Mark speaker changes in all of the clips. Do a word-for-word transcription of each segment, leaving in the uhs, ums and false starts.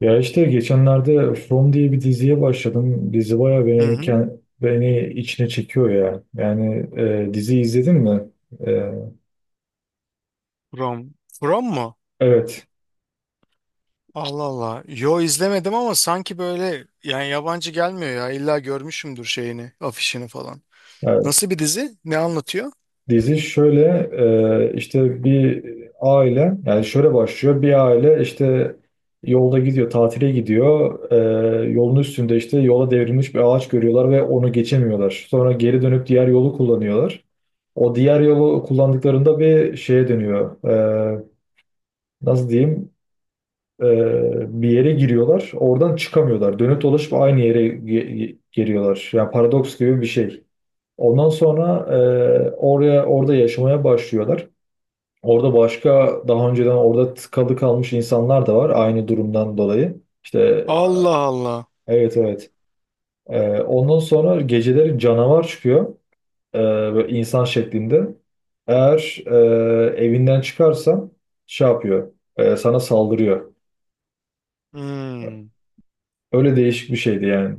Speaker 1: Ya işte geçenlerde From diye bir diziye başladım. Dizi bayağı
Speaker 2: Hı
Speaker 1: beni,
Speaker 2: hı.
Speaker 1: ken- beni içine çekiyor ya. Yani e, dizi izledin mi? E,
Speaker 2: From. From mu?
Speaker 1: evet.
Speaker 2: Allah Allah. Yo izlemedim ama sanki böyle yani yabancı gelmiyor ya. İlla görmüşümdür şeyini, afişini falan.
Speaker 1: Yani
Speaker 2: Nasıl bir dizi? Ne anlatıyor?
Speaker 1: dizi şöyle e, işte bir aile yani şöyle başlıyor. Bir aile işte yolda gidiyor, tatile gidiyor. E, yolun üstünde işte yola devrilmiş bir ağaç görüyorlar ve onu geçemiyorlar. Sonra geri dönüp diğer yolu kullanıyorlar. O diğer yolu kullandıklarında bir şeye dönüyor. E, Nasıl diyeyim? Ee, Bir yere giriyorlar. Oradan çıkamıyorlar. Dönüp dolaşıp aynı yere ge- geliyorlar. Yani paradoks gibi bir şey. Ondan sonra e, oraya orada yaşamaya başlıyorlar. Orada başka daha önceden orada tıkalı kalmış insanlar da var aynı durumdan dolayı. İşte
Speaker 2: Allah Allah.
Speaker 1: evet, evet. Ee, ondan sonra geceleri canavar çıkıyor. Ee, böyle insan şeklinde. Eğer e, evinden çıkarsan şey yapıyor, e, sana saldırıyor.
Speaker 2: Hmm,
Speaker 1: Öyle değişik bir şeydi yani.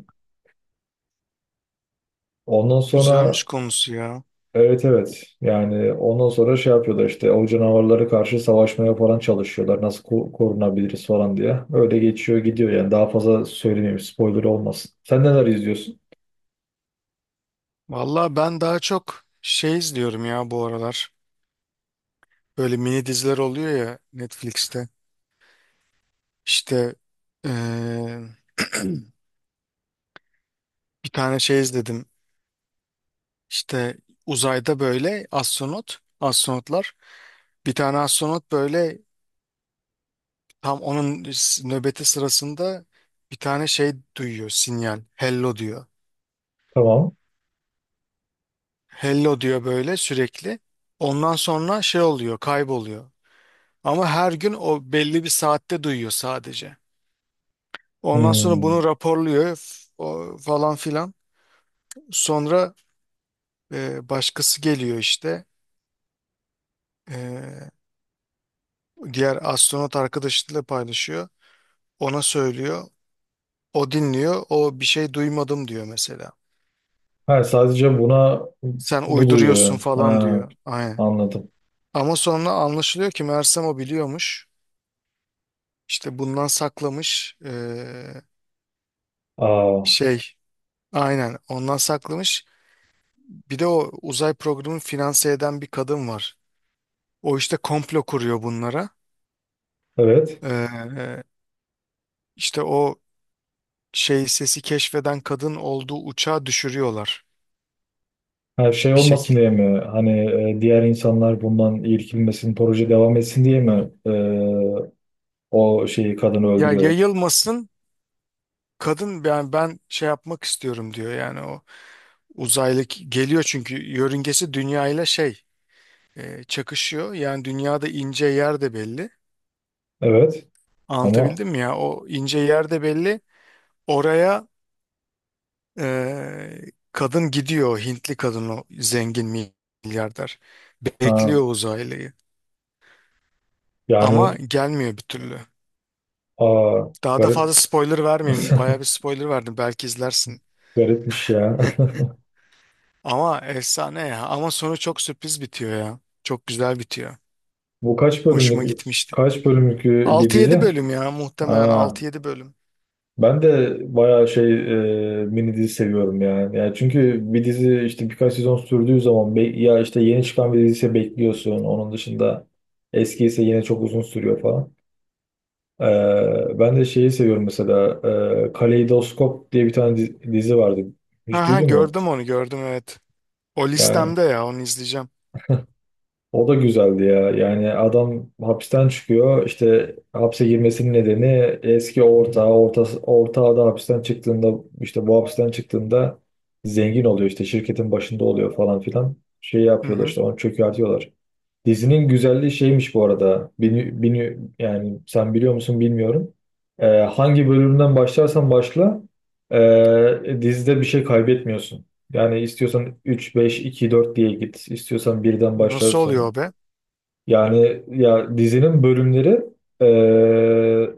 Speaker 1: Ondan sonra
Speaker 2: güzelmiş konusu ya.
Speaker 1: evet, evet, yani ondan sonra şey yapıyorlar, işte o canavarlara karşı savaşmaya falan çalışıyorlar, nasıl ko- korunabiliriz falan diye. Öyle geçiyor gidiyor yani, daha fazla söylemeyeyim, spoiler olmasın. Sen neler izliyorsun?
Speaker 2: Valla ben daha çok şey izliyorum ya bu aralar. Böyle mini diziler oluyor ya Netflix'te. İşte eee, bir tane şey izledim. İşte uzayda böyle astronot, astronotlar. Bir tane astronot böyle tam onun nöbeti sırasında bir tane şey duyuyor, sinyal. Hello diyor.
Speaker 1: Tamam.
Speaker 2: Hello diyor böyle sürekli. Ondan sonra şey oluyor, kayboluyor. Ama her gün o belli bir saatte duyuyor sadece. Ondan sonra bunu
Speaker 1: Hmm.
Speaker 2: raporluyor, f- o falan filan. Sonra e, başkası geliyor işte. E, diğer astronot arkadaşıyla paylaşıyor. Ona söylüyor. O dinliyor. O bir şey duymadım diyor mesela.
Speaker 1: Ha, sadece buna
Speaker 2: Sen
Speaker 1: bu duyuyor,
Speaker 2: uyduruyorsun
Speaker 1: yani.
Speaker 2: falan
Speaker 1: Ha,
Speaker 2: diyor. Aynen.
Speaker 1: anladım.
Speaker 2: Ama sonra anlaşılıyor ki Mersem o biliyormuş. İşte bundan saklamış. Ee,
Speaker 1: Aa,
Speaker 2: şey, aynen ondan saklamış. Bir de o uzay programını finanse eden bir kadın var. O işte komplo kuruyor bunlara.
Speaker 1: evet.
Speaker 2: Ee, işte o şey sesi keşfeden kadın olduğu uçağı düşürüyorlar
Speaker 1: Her şey
Speaker 2: bir
Speaker 1: olmasın diye
Speaker 2: şekilde.
Speaker 1: mi? Hani e, diğer insanlar bundan irkilmesin, proje devam etsin diye mi e, o şeyi, kadını
Speaker 2: Ya
Speaker 1: öldürüyorlar?
Speaker 2: yayılmasın, kadın yani ben şey yapmak istiyorum diyor, yani o uzaylı geliyor çünkü yörüngesi dünya ile şey, e, çakışıyor. Yani dünyada ince yer de belli.
Speaker 1: Evet. Ama
Speaker 2: Anlatabildim mi ya? O ince yer de belli. Oraya e, kadın gidiyor. Hintli kadın, o zengin milyarder.
Speaker 1: ha,
Speaker 2: Bekliyor uzaylıyı. Ama
Speaker 1: yani,
Speaker 2: gelmiyor bir türlü.
Speaker 1: aa,
Speaker 2: Daha da
Speaker 1: garip
Speaker 2: fazla spoiler vermeyeyim. Bayağı bir spoiler verdim. Belki izlersin.
Speaker 1: garipmiş ya.
Speaker 2: Ama efsane ya. Ama sonu çok sürpriz bitiyor ya. Çok güzel bitiyor.
Speaker 1: Bu kaç
Speaker 2: Hoşuma
Speaker 1: bölümlük
Speaker 2: gitmişti.
Speaker 1: kaç bölümlük bir
Speaker 2: Altı yedi
Speaker 1: dizi?
Speaker 2: bölüm ya, muhtemelen
Speaker 1: Ha,
Speaker 2: altı yedi bölüm.
Speaker 1: ben de bayağı şey, e, mini dizi seviyorum yani. Yani çünkü bir dizi işte birkaç sezon sürdüğü zaman be- ya işte yeni çıkan bir diziyse bekliyorsun. Onun dışında eski ise yine çok uzun sürüyor falan. Ee, ben de şeyi seviyorum mesela, e, Kaleidoskop diye bir tane dizi, dizi vardı. Hiç
Speaker 2: Ha ha,
Speaker 1: duydun mu?
Speaker 2: gördüm onu, gördüm evet. O listemde
Speaker 1: Yani
Speaker 2: ya, onu izleyeceğim.
Speaker 1: o da güzeldi ya. Yani adam hapisten çıkıyor. İşte hapse girmesinin nedeni eski ortağı, orta, ortağı da hapisten çıktığında, işte bu hapisten çıktığında zengin oluyor, işte şirketin başında oluyor falan filan. Şey
Speaker 2: Hı
Speaker 1: yapıyorlar,
Speaker 2: hı.
Speaker 1: işte onu çökertiyorlar. Dizinin güzelliği şeymiş bu arada. Bini, bini, yani sen biliyor musun bilmiyorum. Ee, hangi bölümden başlarsan başla, ee, dizide bir şey kaybetmiyorsun. Yani istiyorsan üç beş iki dört diye git. İstiyorsan birden başla
Speaker 2: Nasıl
Speaker 1: sonra.
Speaker 2: oluyor o be?
Speaker 1: Yani ya, dizinin bölümleri e,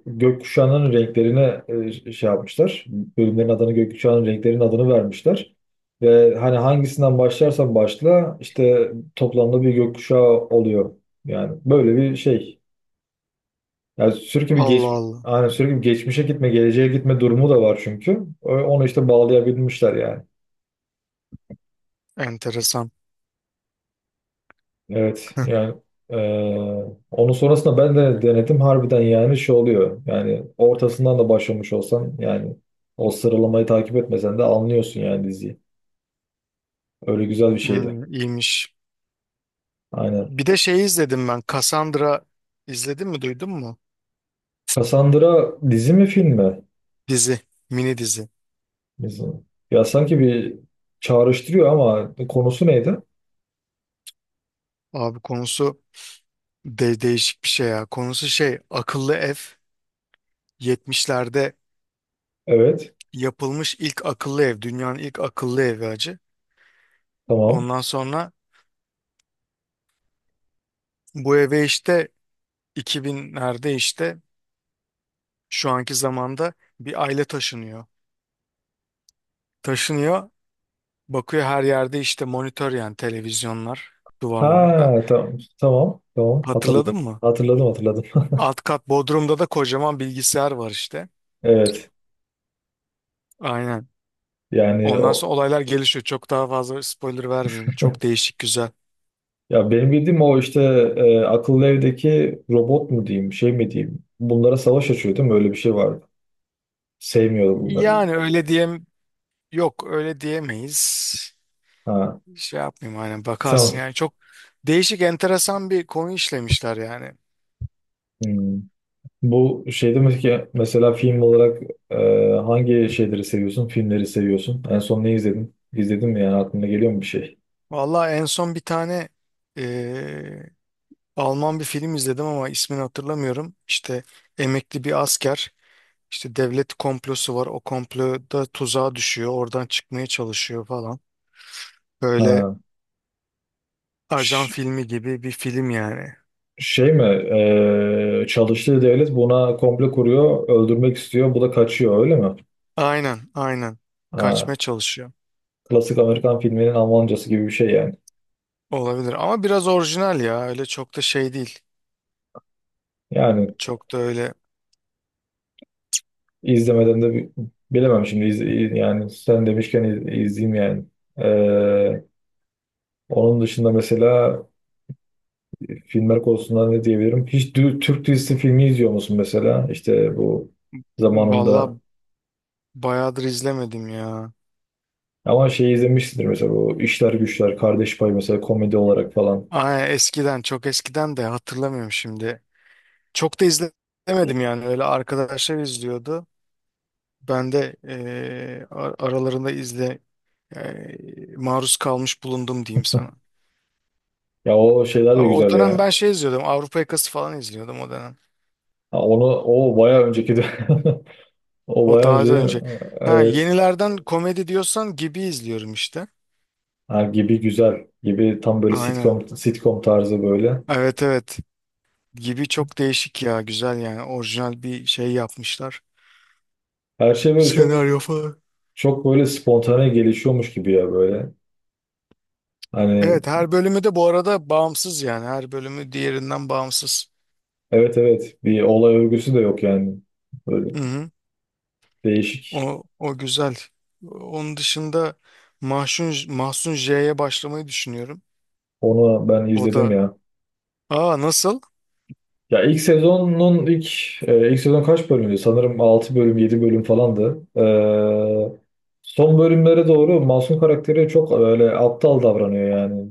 Speaker 1: gökkuşağının renklerine e, şey yapmışlar. Bölümlerin adını gökkuşağının renklerinin adını vermişler. Ve hani hangisinden başlarsan başla, işte toplamda bir gökkuşağı oluyor. Yani böyle bir şey. Yani sürekli bir
Speaker 2: Allah
Speaker 1: geç
Speaker 2: Allah.
Speaker 1: hani sürekli bir geçmişe gitme, geleceğe gitme durumu da var çünkü. O- Onu işte bağlayabilmişler yani.
Speaker 2: Enteresan.
Speaker 1: Evet yani, eee, onun sonrasında ben de denedim harbiden, yani şey oluyor yani, ortasından da başlamış olsan, yani o sıralamayı takip etmesen de anlıyorsun yani diziyi. Öyle güzel bir şeydi.
Speaker 2: Hmm, iyiymiş.
Speaker 1: Aynen.
Speaker 2: Bir de şeyi izledim ben. Cassandra, izledin mi, duydun mu?
Speaker 1: Cassandra dizi mi film mi?
Speaker 2: Dizi. Mini dizi.
Speaker 1: Dizi. Ya sanki bir çağrıştırıyor ama konusu neydi?
Speaker 2: Abi konusu de değişik bir şey ya. Konusu şey, akıllı ev. yetmişlerde
Speaker 1: Evet.
Speaker 2: yapılmış ilk akıllı ev. Dünyanın ilk akıllı evi acı.
Speaker 1: Tamam.
Speaker 2: Ondan sonra bu eve işte iki binlerde işte şu anki zamanda bir aile taşınıyor. Taşınıyor, bakıyor, her yerde işte monitör, yani televizyonlar duvarlarda.
Speaker 1: Ha, tamam tamam tamam,
Speaker 2: Hatırladın
Speaker 1: hatırladım.
Speaker 2: mı?
Speaker 1: Hatırladım, hatırladım.
Speaker 2: Alt kat Bodrum'da da kocaman bilgisayar var işte.
Speaker 1: Evet.
Speaker 2: Aynen.
Speaker 1: Yani
Speaker 2: Ondan sonra
Speaker 1: o.
Speaker 2: olaylar gelişiyor. Çok daha fazla spoiler vermeyeyim. Çok değişik, güzel.
Speaker 1: Ya benim bildiğim o, işte e, akıllı evdeki robot mu diyeyim, şey mi diyeyim. Bunlara savaş açıyor değil mi? Öyle bir şey vardı. Sevmiyordu bunları.
Speaker 2: Yani öyle diyem, yok öyle diyemeyiz.
Speaker 1: Ha,
Speaker 2: Şey yapmayayım, aynen, bakarsın
Speaker 1: tamam.
Speaker 2: yani, çok değişik, enteresan bir konu işlemişler yani.
Speaker 1: Hmm. Bu şey demek ki mesela film olarak e, hangi şeyleri seviyorsun? Filmleri seviyorsun. En son ne izledin? İzledin mi yani, aklına geliyor mu bir şey?
Speaker 2: Vallahi en son bir tane eee, Alman bir film izledim ama ismini hatırlamıyorum. İşte emekli bir asker. İşte devlet komplosu var. O komploda tuzağa düşüyor. Oradan çıkmaya çalışıyor falan. Böyle
Speaker 1: Ha,
Speaker 2: ajan
Speaker 1: ş-
Speaker 2: filmi gibi bir film yani.
Speaker 1: şey mi? E, çalıştığı devlet buna komple kuruyor, öldürmek istiyor. Bu da kaçıyor öyle mi?
Speaker 2: Aynen, aynen.
Speaker 1: Ha,
Speaker 2: Kaçmaya çalışıyor.
Speaker 1: klasik Amerikan filminin Almancası gibi bir şey yani.
Speaker 2: Olabilir ama biraz orijinal ya. Öyle çok da şey değil.
Speaker 1: Yani
Speaker 2: Çok da öyle.
Speaker 1: İzlemeden de bi- bilemem şimdi, iz- yani sen demişken iz- izleyeyim yani. Ee, Onun dışında mesela filmler konusunda ne diyebilirim? Hiç dü- Türk dizisi filmi izliyor musun mesela? İşte bu
Speaker 2: Valla
Speaker 1: zamanında
Speaker 2: bayağıdır izlemedim ya.
Speaker 1: ama şey izlemişsindir mesela, bu İşler Güçler, Kardeş Payı mesela, komedi olarak falan.
Speaker 2: Aa, eskiden, çok eskiden, de hatırlamıyorum şimdi. Çok da izlemedim yani. Öyle arkadaşlar izliyordu. Ben de eee, ar- aralarında izle, e, maruz kalmış bulundum diyeyim sana.
Speaker 1: Ya o şeyler de
Speaker 2: Abi o
Speaker 1: güzel
Speaker 2: dönem
Speaker 1: ya.
Speaker 2: ben şey izliyordum. Avrupa Yakası falan izliyordum o dönem.
Speaker 1: Ha, onu o bayağı önceki de o
Speaker 2: O
Speaker 1: bayağı
Speaker 2: daha
Speaker 1: önce,
Speaker 2: da önce. Ha,
Speaker 1: evet.
Speaker 2: yenilerden komedi diyorsan Gibi izliyorum işte.
Speaker 1: Ha, gibi güzel. Gibi tam böyle
Speaker 2: Aynen.
Speaker 1: sitcom sitcom tarzı böyle.
Speaker 2: Evet evet. Gibi çok değişik ya. Güzel yani. Orijinal bir şey yapmışlar.
Speaker 1: Her şey böyle çok.
Speaker 2: Senaryo falan.
Speaker 1: Çok böyle spontane gelişiyormuş gibi ya, böyle. Hani
Speaker 2: Evet, her bölümü de bu arada bağımsız yani. Her bölümü diğerinden bağımsız.
Speaker 1: evet, evet, bir olay örgüsü de yok yani. Böyle
Speaker 2: Hı hı.
Speaker 1: değişik.
Speaker 2: O, o güzel. Onun dışında Mahsun, Mahsun J'ye başlamayı düşünüyorum.
Speaker 1: Onu ben
Speaker 2: O
Speaker 1: izledim
Speaker 2: da...
Speaker 1: ya.
Speaker 2: Aa, nasıl?
Speaker 1: Ya ilk sezonun ilk, e, ilk sezon kaç bölümdü? Sanırım altı bölüm yedi bölüm falandı. Ee, son bölümlere doğru Masum karakteri çok öyle aptal davranıyor yani.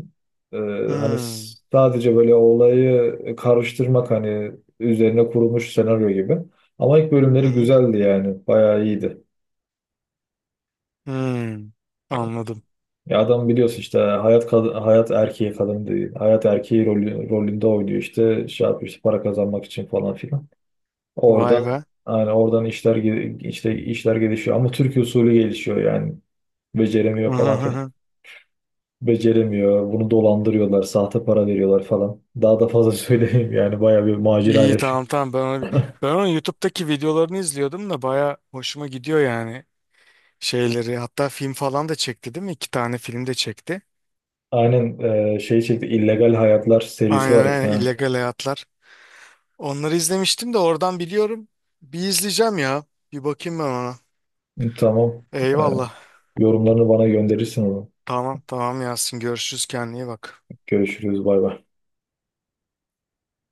Speaker 1: Ee, Hani s-
Speaker 2: Hmm.
Speaker 1: sadece böyle olayı karıştırmak hani, üzerine kurulmuş senaryo gibi. Ama ilk
Speaker 2: Hı
Speaker 1: bölümleri
Speaker 2: hı.
Speaker 1: güzeldi yani. Bayağı iyiydi.
Speaker 2: Hmm. Anladım.
Speaker 1: Ya adam biliyorsun işte hayat kad- hayat erkeği kadın değil. Hayat erkeği rolü, rolünde oynuyor, işte şey yapıyor, işte para kazanmak için falan filan.
Speaker 2: Vay
Speaker 1: Oradan,
Speaker 2: be.
Speaker 1: yani oradan işler ge- işte işler gelişiyor ama Türk usulü gelişiyor yani. Beceremiyor falan filan. Beceremiyor. Bunu dolandırıyorlar, sahte para veriyorlar falan. Daha da fazla söyleyeyim yani, bayağı bir macera
Speaker 2: İyi,
Speaker 1: yaşıyor.
Speaker 2: tamam tamam, ben onu, ben onun YouTube'daki videolarını izliyordum da baya hoşuma gidiyor yani şeyleri. Hatta film falan da çekti değil mi? İki tane film de çekti.
Speaker 1: Aynen, e, şey çekti, illegal Hayatlar serisi
Speaker 2: Aynen
Speaker 1: var, iki
Speaker 2: aynen,
Speaker 1: tane.
Speaker 2: illegal hayatlar. Onları izlemiştim de oradan biliyorum. Bir izleyeceğim ya. Bir bakayım ben ona.
Speaker 1: Tamam. E,
Speaker 2: Eyvallah.
Speaker 1: Yorumlarını bana gönderirsin onu.
Speaker 2: Tamam tamam Yasin, görüşürüz, kendine iyi bak.
Speaker 1: Görüşürüz, bay bay.